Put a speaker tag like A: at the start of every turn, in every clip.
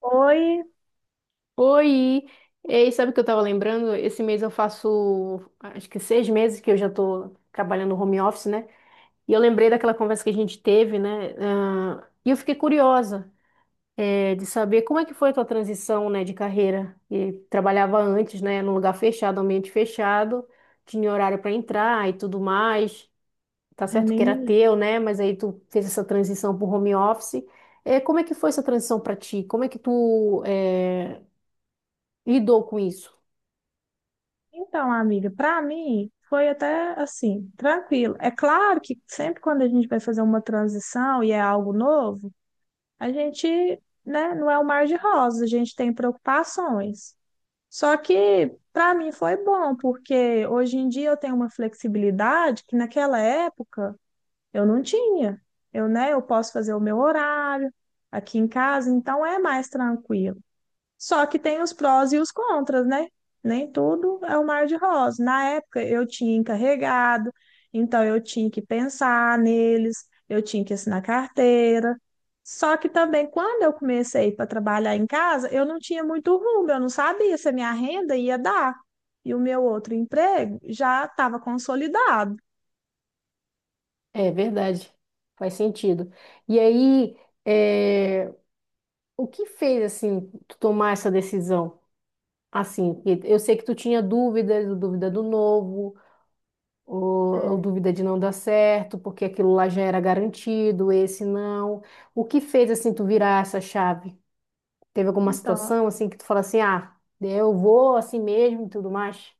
A: Oi,
B: Oi! Ei, sabe o que eu tava lembrando? Esse mês eu faço, acho que 6 meses que eu já tô trabalhando home office, né? E eu lembrei daquela conversa que a gente teve, né? Ah, e eu fiquei curiosa, de saber como é que foi a tua transição, né, de carreira. E trabalhava antes, né, num lugar fechado, ambiente fechado, tinha horário para entrar e tudo mais. Tá
A: eu
B: certo
A: nem
B: que
A: me
B: era
A: lembro.
B: teu, né? Mas aí tu fez essa transição pro home office. Como é que foi essa transição para ti? Como é que tu, lidou com isso?
A: Então, amiga, para mim foi até assim, tranquilo. É claro que sempre quando a gente vai fazer uma transição e é algo novo, a gente, né, não é o mar de rosas, a gente tem preocupações. Só que para mim foi bom, porque hoje em dia eu tenho uma flexibilidade que naquela época eu não tinha. Eu, né, eu posso fazer o meu horário aqui em casa, então é mais tranquilo. Só que tem os prós e os contras, né? Nem tudo é o mar de rosas. Na época eu tinha encarregado, então eu tinha que pensar neles, eu tinha que assinar carteira. Só que também quando eu comecei para trabalhar em casa, eu não tinha muito rumo, eu não sabia se a minha renda ia dar. E o meu outro emprego já estava consolidado.
B: É verdade, faz sentido. E aí, é, o que fez assim tu tomar essa decisão? Assim, que eu sei que tu tinha dúvidas, dúvida do novo, ou, ou
A: É,
B: dúvida de não dar certo, porque aquilo lá já era garantido, esse não. O que fez assim tu virar essa chave? Teve alguma
A: então,
B: situação assim que tu fala assim, ah, eu vou assim mesmo e tudo mais?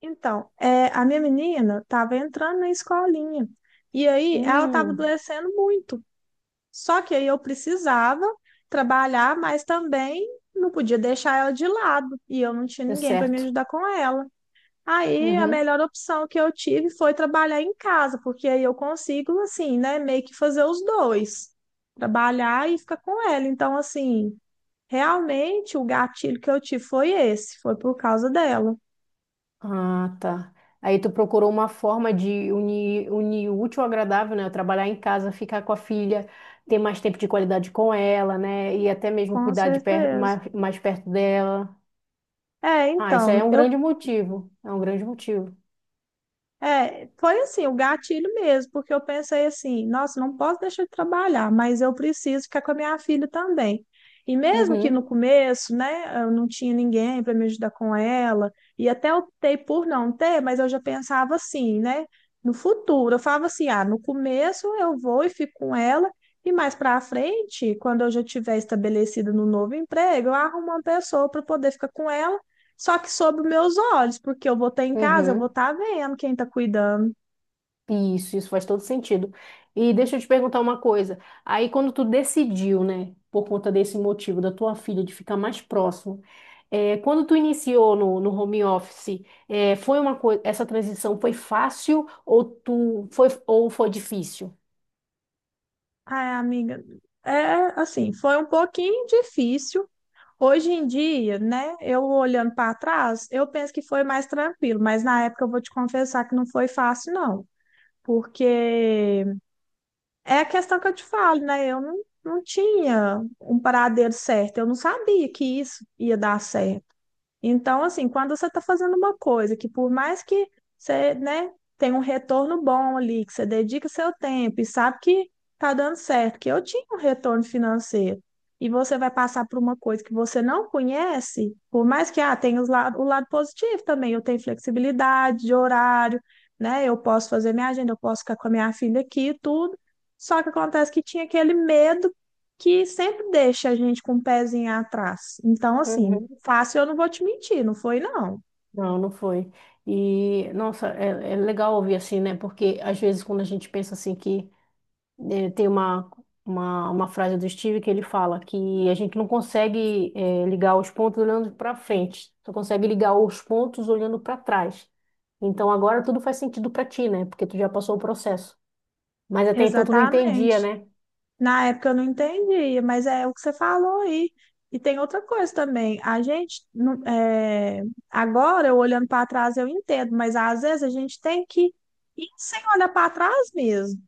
A: a minha menina estava entrando na escolinha. E aí ela estava
B: Hum,
A: adoecendo muito. Só que aí eu precisava trabalhar, mas também não podia deixar ela de lado e eu não tinha
B: deu
A: ninguém para me
B: certo.
A: ajudar com ela. Aí a
B: Uhum.
A: melhor opção que eu tive foi trabalhar em casa, porque aí eu consigo, assim, né, meio que fazer os dois, trabalhar e ficar com ela. Então, assim, realmente o gatilho que eu tive foi esse, foi por causa dela,
B: Ah, tá. Aí tu procurou uma forma de unir o útil ao agradável, né? Trabalhar em casa, ficar com a filha, ter mais tempo de qualidade com ela, né? E até mesmo
A: com
B: cuidar de per
A: certeza.
B: mais perto dela.
A: É,
B: Ah, isso aí é
A: então,
B: um
A: eu
B: grande motivo. É um grande motivo.
A: É, foi assim, o gatilho mesmo, porque eu pensei assim, nossa, não posso deixar de trabalhar, mas eu preciso ficar com a minha filha também. E mesmo que no
B: Uhum,
A: começo, né, eu não tinha ninguém para me ajudar com ela, e até optei por não ter, mas eu já pensava assim, né, no futuro, eu falava assim, ah, no começo eu vou e fico com ela, e mais para frente, quando eu já tiver estabelecida no novo emprego, eu arrumo uma pessoa para poder ficar com ela só que sob os meus olhos, porque eu vou estar em casa, eu vou
B: uhum.
A: estar vendo quem está cuidando.
B: Isso faz todo sentido. E deixa eu te perguntar uma coisa. Aí, quando tu decidiu, né, por conta desse motivo da tua filha de ficar mais próximo, quando tu iniciou no home office, foi uma coisa, essa transição foi fácil ou foi difícil?
A: Ai, amiga, é assim, foi um pouquinho difícil. Hoje em dia, né, eu olhando para trás, eu penso que foi mais tranquilo, mas na época eu vou te confessar que não foi fácil, não. Porque é a questão que eu te falo, né? Eu não, não tinha um paradeiro certo, eu não sabia que isso ia dar certo. Então, assim, quando você está fazendo uma coisa que por mais que você, né, tenha um retorno bom ali, que você dedica seu tempo e sabe que tá dando certo, que eu tinha um retorno financeiro, e você vai passar por uma coisa que você não conhece, por mais que tenha o lado positivo também, eu tenho flexibilidade de horário, né? Eu posso fazer minha agenda, eu posso ficar com a minha filha aqui e tudo. Só que acontece que tinha aquele medo que sempre deixa a gente com um pezinho atrás. Então, assim,
B: Uhum.
A: fácil eu não vou te mentir, não foi não.
B: Não, não foi. E, nossa, é legal ouvir assim, né? Porque às vezes quando a gente pensa assim que tem uma frase do Steve que ele fala que a gente não consegue ligar os pontos olhando para frente, só consegue ligar os pontos olhando para trás. Então agora tudo faz sentido para ti, né? Porque tu já passou o processo. Mas até então tu não entendia,
A: Exatamente.
B: né?
A: Na época eu não entendia, mas é o que você falou aí. E tem outra coisa também. A gente, é, agora, eu olhando para trás, eu entendo, mas às vezes a gente tem que ir sem olhar para trás mesmo.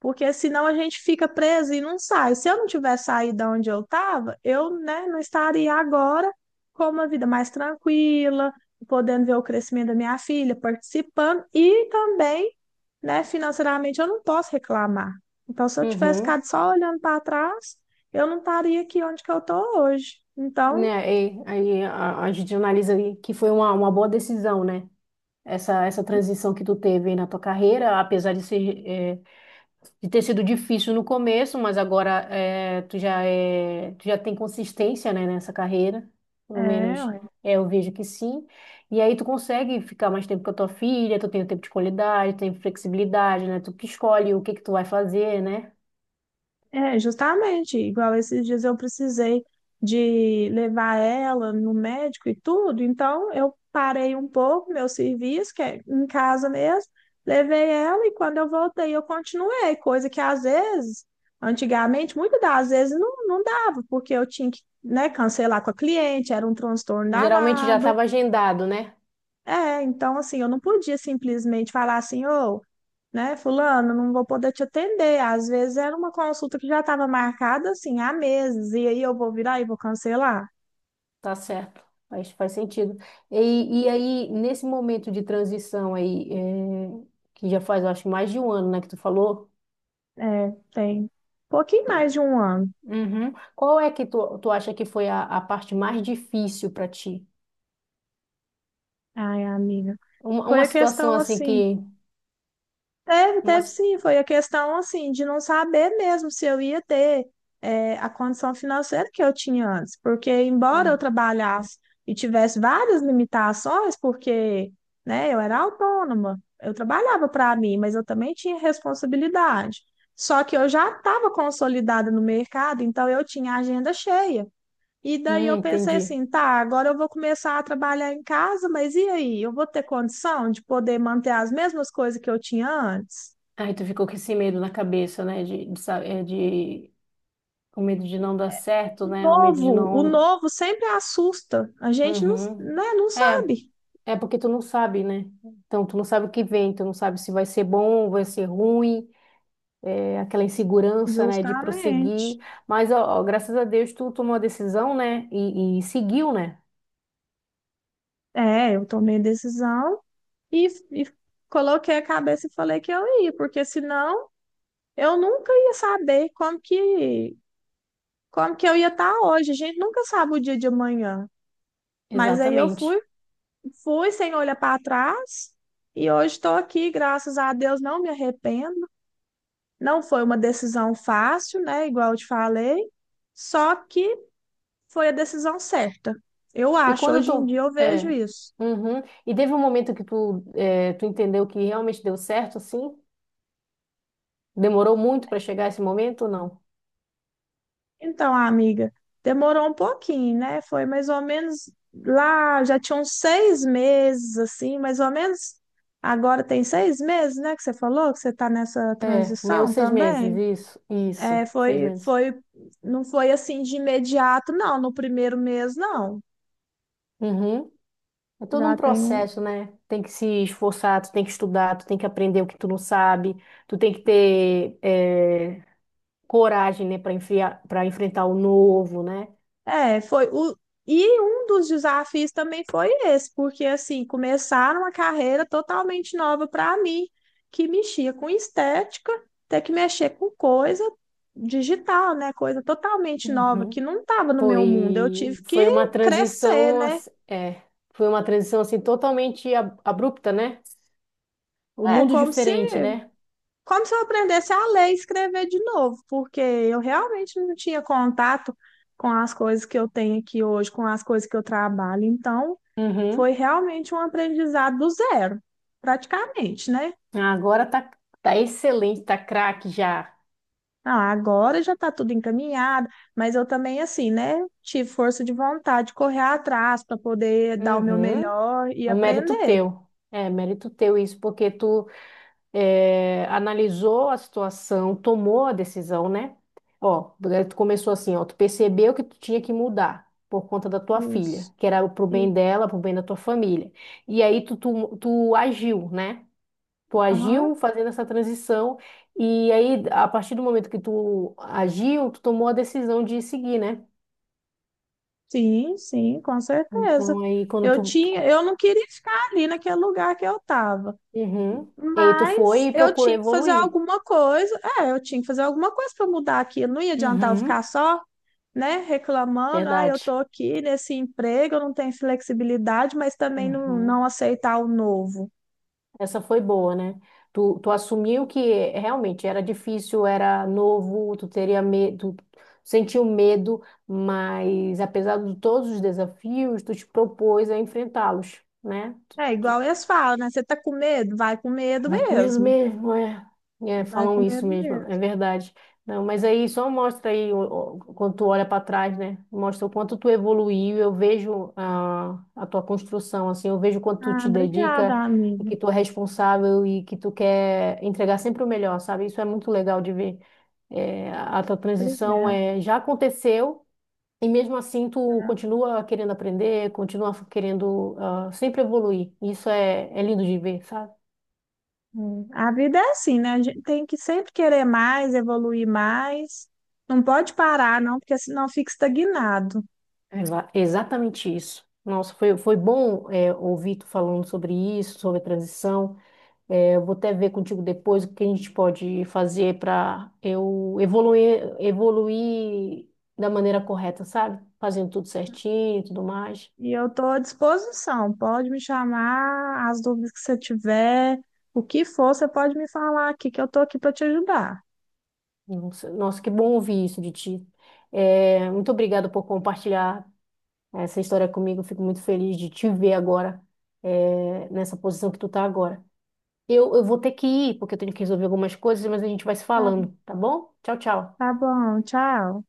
A: Porque senão a gente fica preso e não sai. Se eu não tivesse saído da onde eu estava, eu, né, não estaria agora com uma vida mais tranquila, podendo ver o crescimento da minha filha, participando e também, né, financeiramente eu não posso reclamar. Então, se eu tivesse
B: Uhum.
A: ficado só olhando para trás, eu não estaria aqui onde que eu estou hoje. Então,
B: Né? E, aí a gente analisa aí que foi uma boa decisão, né? Essa transição que tu teve aí na tua carreira, apesar de ser, de ter sido difícil no começo, mas agora tu já tem consistência, né, nessa carreira, pelo menos
A: é,
B: eu vejo que sim. E aí tu consegue ficar mais tempo com a tua filha, tu tem o tempo de qualidade, tem flexibilidade, né? Tu que escolhe o que que tu vai fazer, né?
A: É, justamente, igual esses dias eu precisei de levar ela no médico e tudo, então eu parei um pouco meu serviço, que é em casa mesmo, levei ela e quando eu voltei eu continuei, coisa que às vezes, antigamente, muitas das vezes não, não dava, porque eu tinha que, né, cancelar com a cliente, era um transtorno
B: Geralmente já
A: danado.
B: estava agendado, né?
A: É, então assim, eu não podia simplesmente falar assim, ô, né, fulano, não vou poder te atender. Às vezes era uma consulta que já estava marcada assim há meses, e aí eu vou virar e vou cancelar.
B: Tá certo. Faz sentido. E aí, nesse momento de transição aí, que já faz, eu acho, mais de um ano, né, que tu falou.
A: É, tem pouquinho mais de um ano.
B: Uhum. Qual é que tu acha que foi a parte mais difícil para ti?
A: Ai, amiga.
B: Uma,
A: Foi
B: uma
A: a
B: situação
A: questão
B: assim
A: assim.
B: que.
A: Teve,
B: Uma,
A: teve
B: s-
A: sim, foi a questão assim de não saber mesmo se eu ia ter a condição financeira que eu tinha antes, porque embora eu
B: ah,
A: trabalhasse e tivesse várias limitações, porque né, eu era autônoma, eu trabalhava para mim, mas eu também tinha responsabilidade. Só que eu já estava consolidada no mercado, então eu tinha a agenda cheia. E daí eu pensei
B: entendi.
A: assim, tá, agora eu vou começar a trabalhar em casa, mas e aí? Eu vou ter condição de poder manter as mesmas coisas que eu tinha antes?
B: Aí tu ficou com esse medo na cabeça, né? De, sa- é, de- o medo de não dar certo, né? O medo de
A: O
B: não.
A: novo sempre assusta. A gente não,
B: Uhum.
A: né, não
B: É,
A: sabe.
B: é porque tu não sabe, né? Então, tu não sabe o que vem, tu não sabe se vai ser bom, vai ser ruim, aquela insegurança, né, de prosseguir.
A: Justamente.
B: Mas, ó, ó, graças a Deus, tu tomou a decisão, né? E seguiu, né?
A: É, eu tomei decisão e, e coloquei a cabeça e falei que eu ia, porque senão eu nunca ia saber como que eu ia estar hoje. A gente nunca sabe o dia de amanhã. Mas aí eu
B: Exatamente.
A: fui, fui sem olhar para trás e hoje estou aqui, graças a Deus, não me arrependo. Não foi uma decisão fácil, né? Igual eu te falei, só que foi a decisão certa. Eu
B: E
A: acho,
B: quando
A: hoje em
B: tu.
A: dia eu vejo
B: É.
A: isso.
B: Uhum. E teve um momento que tu entendeu que realmente deu certo, assim? Demorou muito para chegar esse momento ou não?
A: Então, amiga, demorou um pouquinho, né? Foi mais ou menos lá, já tinham 6 meses, assim, mais ou menos. Agora tem 6 meses, né? Que você falou que você está nessa
B: É, meus
A: transição
B: 6 meses,
A: também.
B: isso,
A: É,
B: isso, seis
A: foi,
B: meses.
A: foi, não foi assim de imediato, não, no primeiro mês, não.
B: Uhum. É todo um
A: Já tem um.
B: processo, né? Tem que se esforçar, tu tem que estudar, tu tem que aprender o que tu não sabe, tu tem que ter coragem, né, para enfrentar o novo, né?
A: É, foi o. E um dos desafios também foi esse, porque assim, começar uma carreira totalmente nova para mim, que mexia com estética, ter que mexer com coisa digital, né? Coisa totalmente nova, que
B: Uhum.
A: não estava no meu mundo. Eu tive
B: Foi,
A: que
B: foi uma
A: crescer,
B: transição,
A: né?
B: assim totalmente abrupta, né? Um
A: É
B: mundo
A: como se
B: diferente, né?
A: como se eu aprendesse a ler e escrever de novo, porque eu realmente não tinha contato com as coisas que eu tenho aqui hoje, com as coisas que eu trabalho. Então,
B: Uhum.
A: foi realmente um aprendizado do zero, praticamente, né?
B: Agora tá excelente, tá craque já.
A: Ah, agora já está tudo encaminhado, mas eu também, assim, né? Tive força de vontade de correr atrás para poder dar o meu
B: Uhum.
A: melhor e
B: É um mérito
A: aprender.
B: teu. É, mérito teu isso, porque tu analisou a situação, tomou a decisão, né? Ó, tu começou assim, ó, tu percebeu que tu tinha que mudar por conta da tua filha,
A: Isso.
B: que era pro bem
A: E-
B: dela, pro bem da tua família. E aí tu agiu, né? Tu
A: aham.
B: agiu fazendo essa transição e aí a partir do momento que tu agiu, tu tomou a decisão de seguir, né?
A: Sim, sim, com certeza.
B: Então aí quando
A: Eu
B: tu.
A: tinha, eu não queria ficar ali naquele lugar que eu estava.
B: Uhum. E aí tu foi
A: Mas
B: e
A: eu
B: procurou
A: tinha que fazer
B: evoluir.
A: alguma coisa. É, eu tinha que fazer alguma coisa para mudar aquilo. Não ia adiantar eu ficar
B: Uhum.
A: só, né, reclamando. Ah, eu
B: Verdade.
A: tô aqui nesse emprego, eu não tenho flexibilidade, mas também não, não
B: Uhum.
A: aceitar o novo.
B: Essa foi boa, né? Tu assumiu que realmente era difícil, era novo, tu teria medo, tu sentiu medo, mas apesar de todos os desafios, tu te propôs a enfrentá-los, né?
A: É igual eles falam, né? Você tá com medo? Vai com medo
B: Vai comendo
A: mesmo.
B: mesmo, é. É,
A: Vai com
B: falam
A: medo
B: isso mesmo, é
A: mesmo.
B: verdade. Não, mas aí só mostra aí quando tu olha para trás, né? Mostra o quanto tu evoluiu. Eu vejo a tua construção, assim, eu vejo quanto tu
A: Ah,
B: te dedica
A: obrigada,
B: e
A: amiga.
B: que tu é responsável e que tu quer entregar sempre o melhor, sabe? Isso é muito legal de ver. É, a tua transição
A: Obrigada.
B: já aconteceu e mesmo assim tu continua querendo aprender, continua querendo sempre evoluir. Isso é lindo de ver, sabe?
A: É. A vida é assim, né? A gente tem que sempre querer mais, evoluir mais. Não pode parar, não, porque senão fica estagnado.
B: Exatamente isso. Nossa, foi bom ouvir tu falando sobre isso, sobre a transição. É, eu vou até ver contigo depois o que a gente pode fazer para eu evoluir, evoluir da maneira correta, sabe? Fazendo tudo certinho e tudo mais.
A: E eu estou à disposição. Pode me chamar, as dúvidas que você tiver, o que for, você pode me falar aqui, que eu estou aqui para te ajudar.
B: Nossa, nossa, que bom ouvir isso de ti. É, muito obrigada por compartilhar essa história comigo. Eu fico muito feliz de te ver agora, nessa posição que tu tá agora. Eu vou ter que ir, porque eu tenho que resolver algumas coisas, mas a gente vai se
A: Tá,
B: falando, tá bom? Tchau, tchau.
A: tá bom, tchau.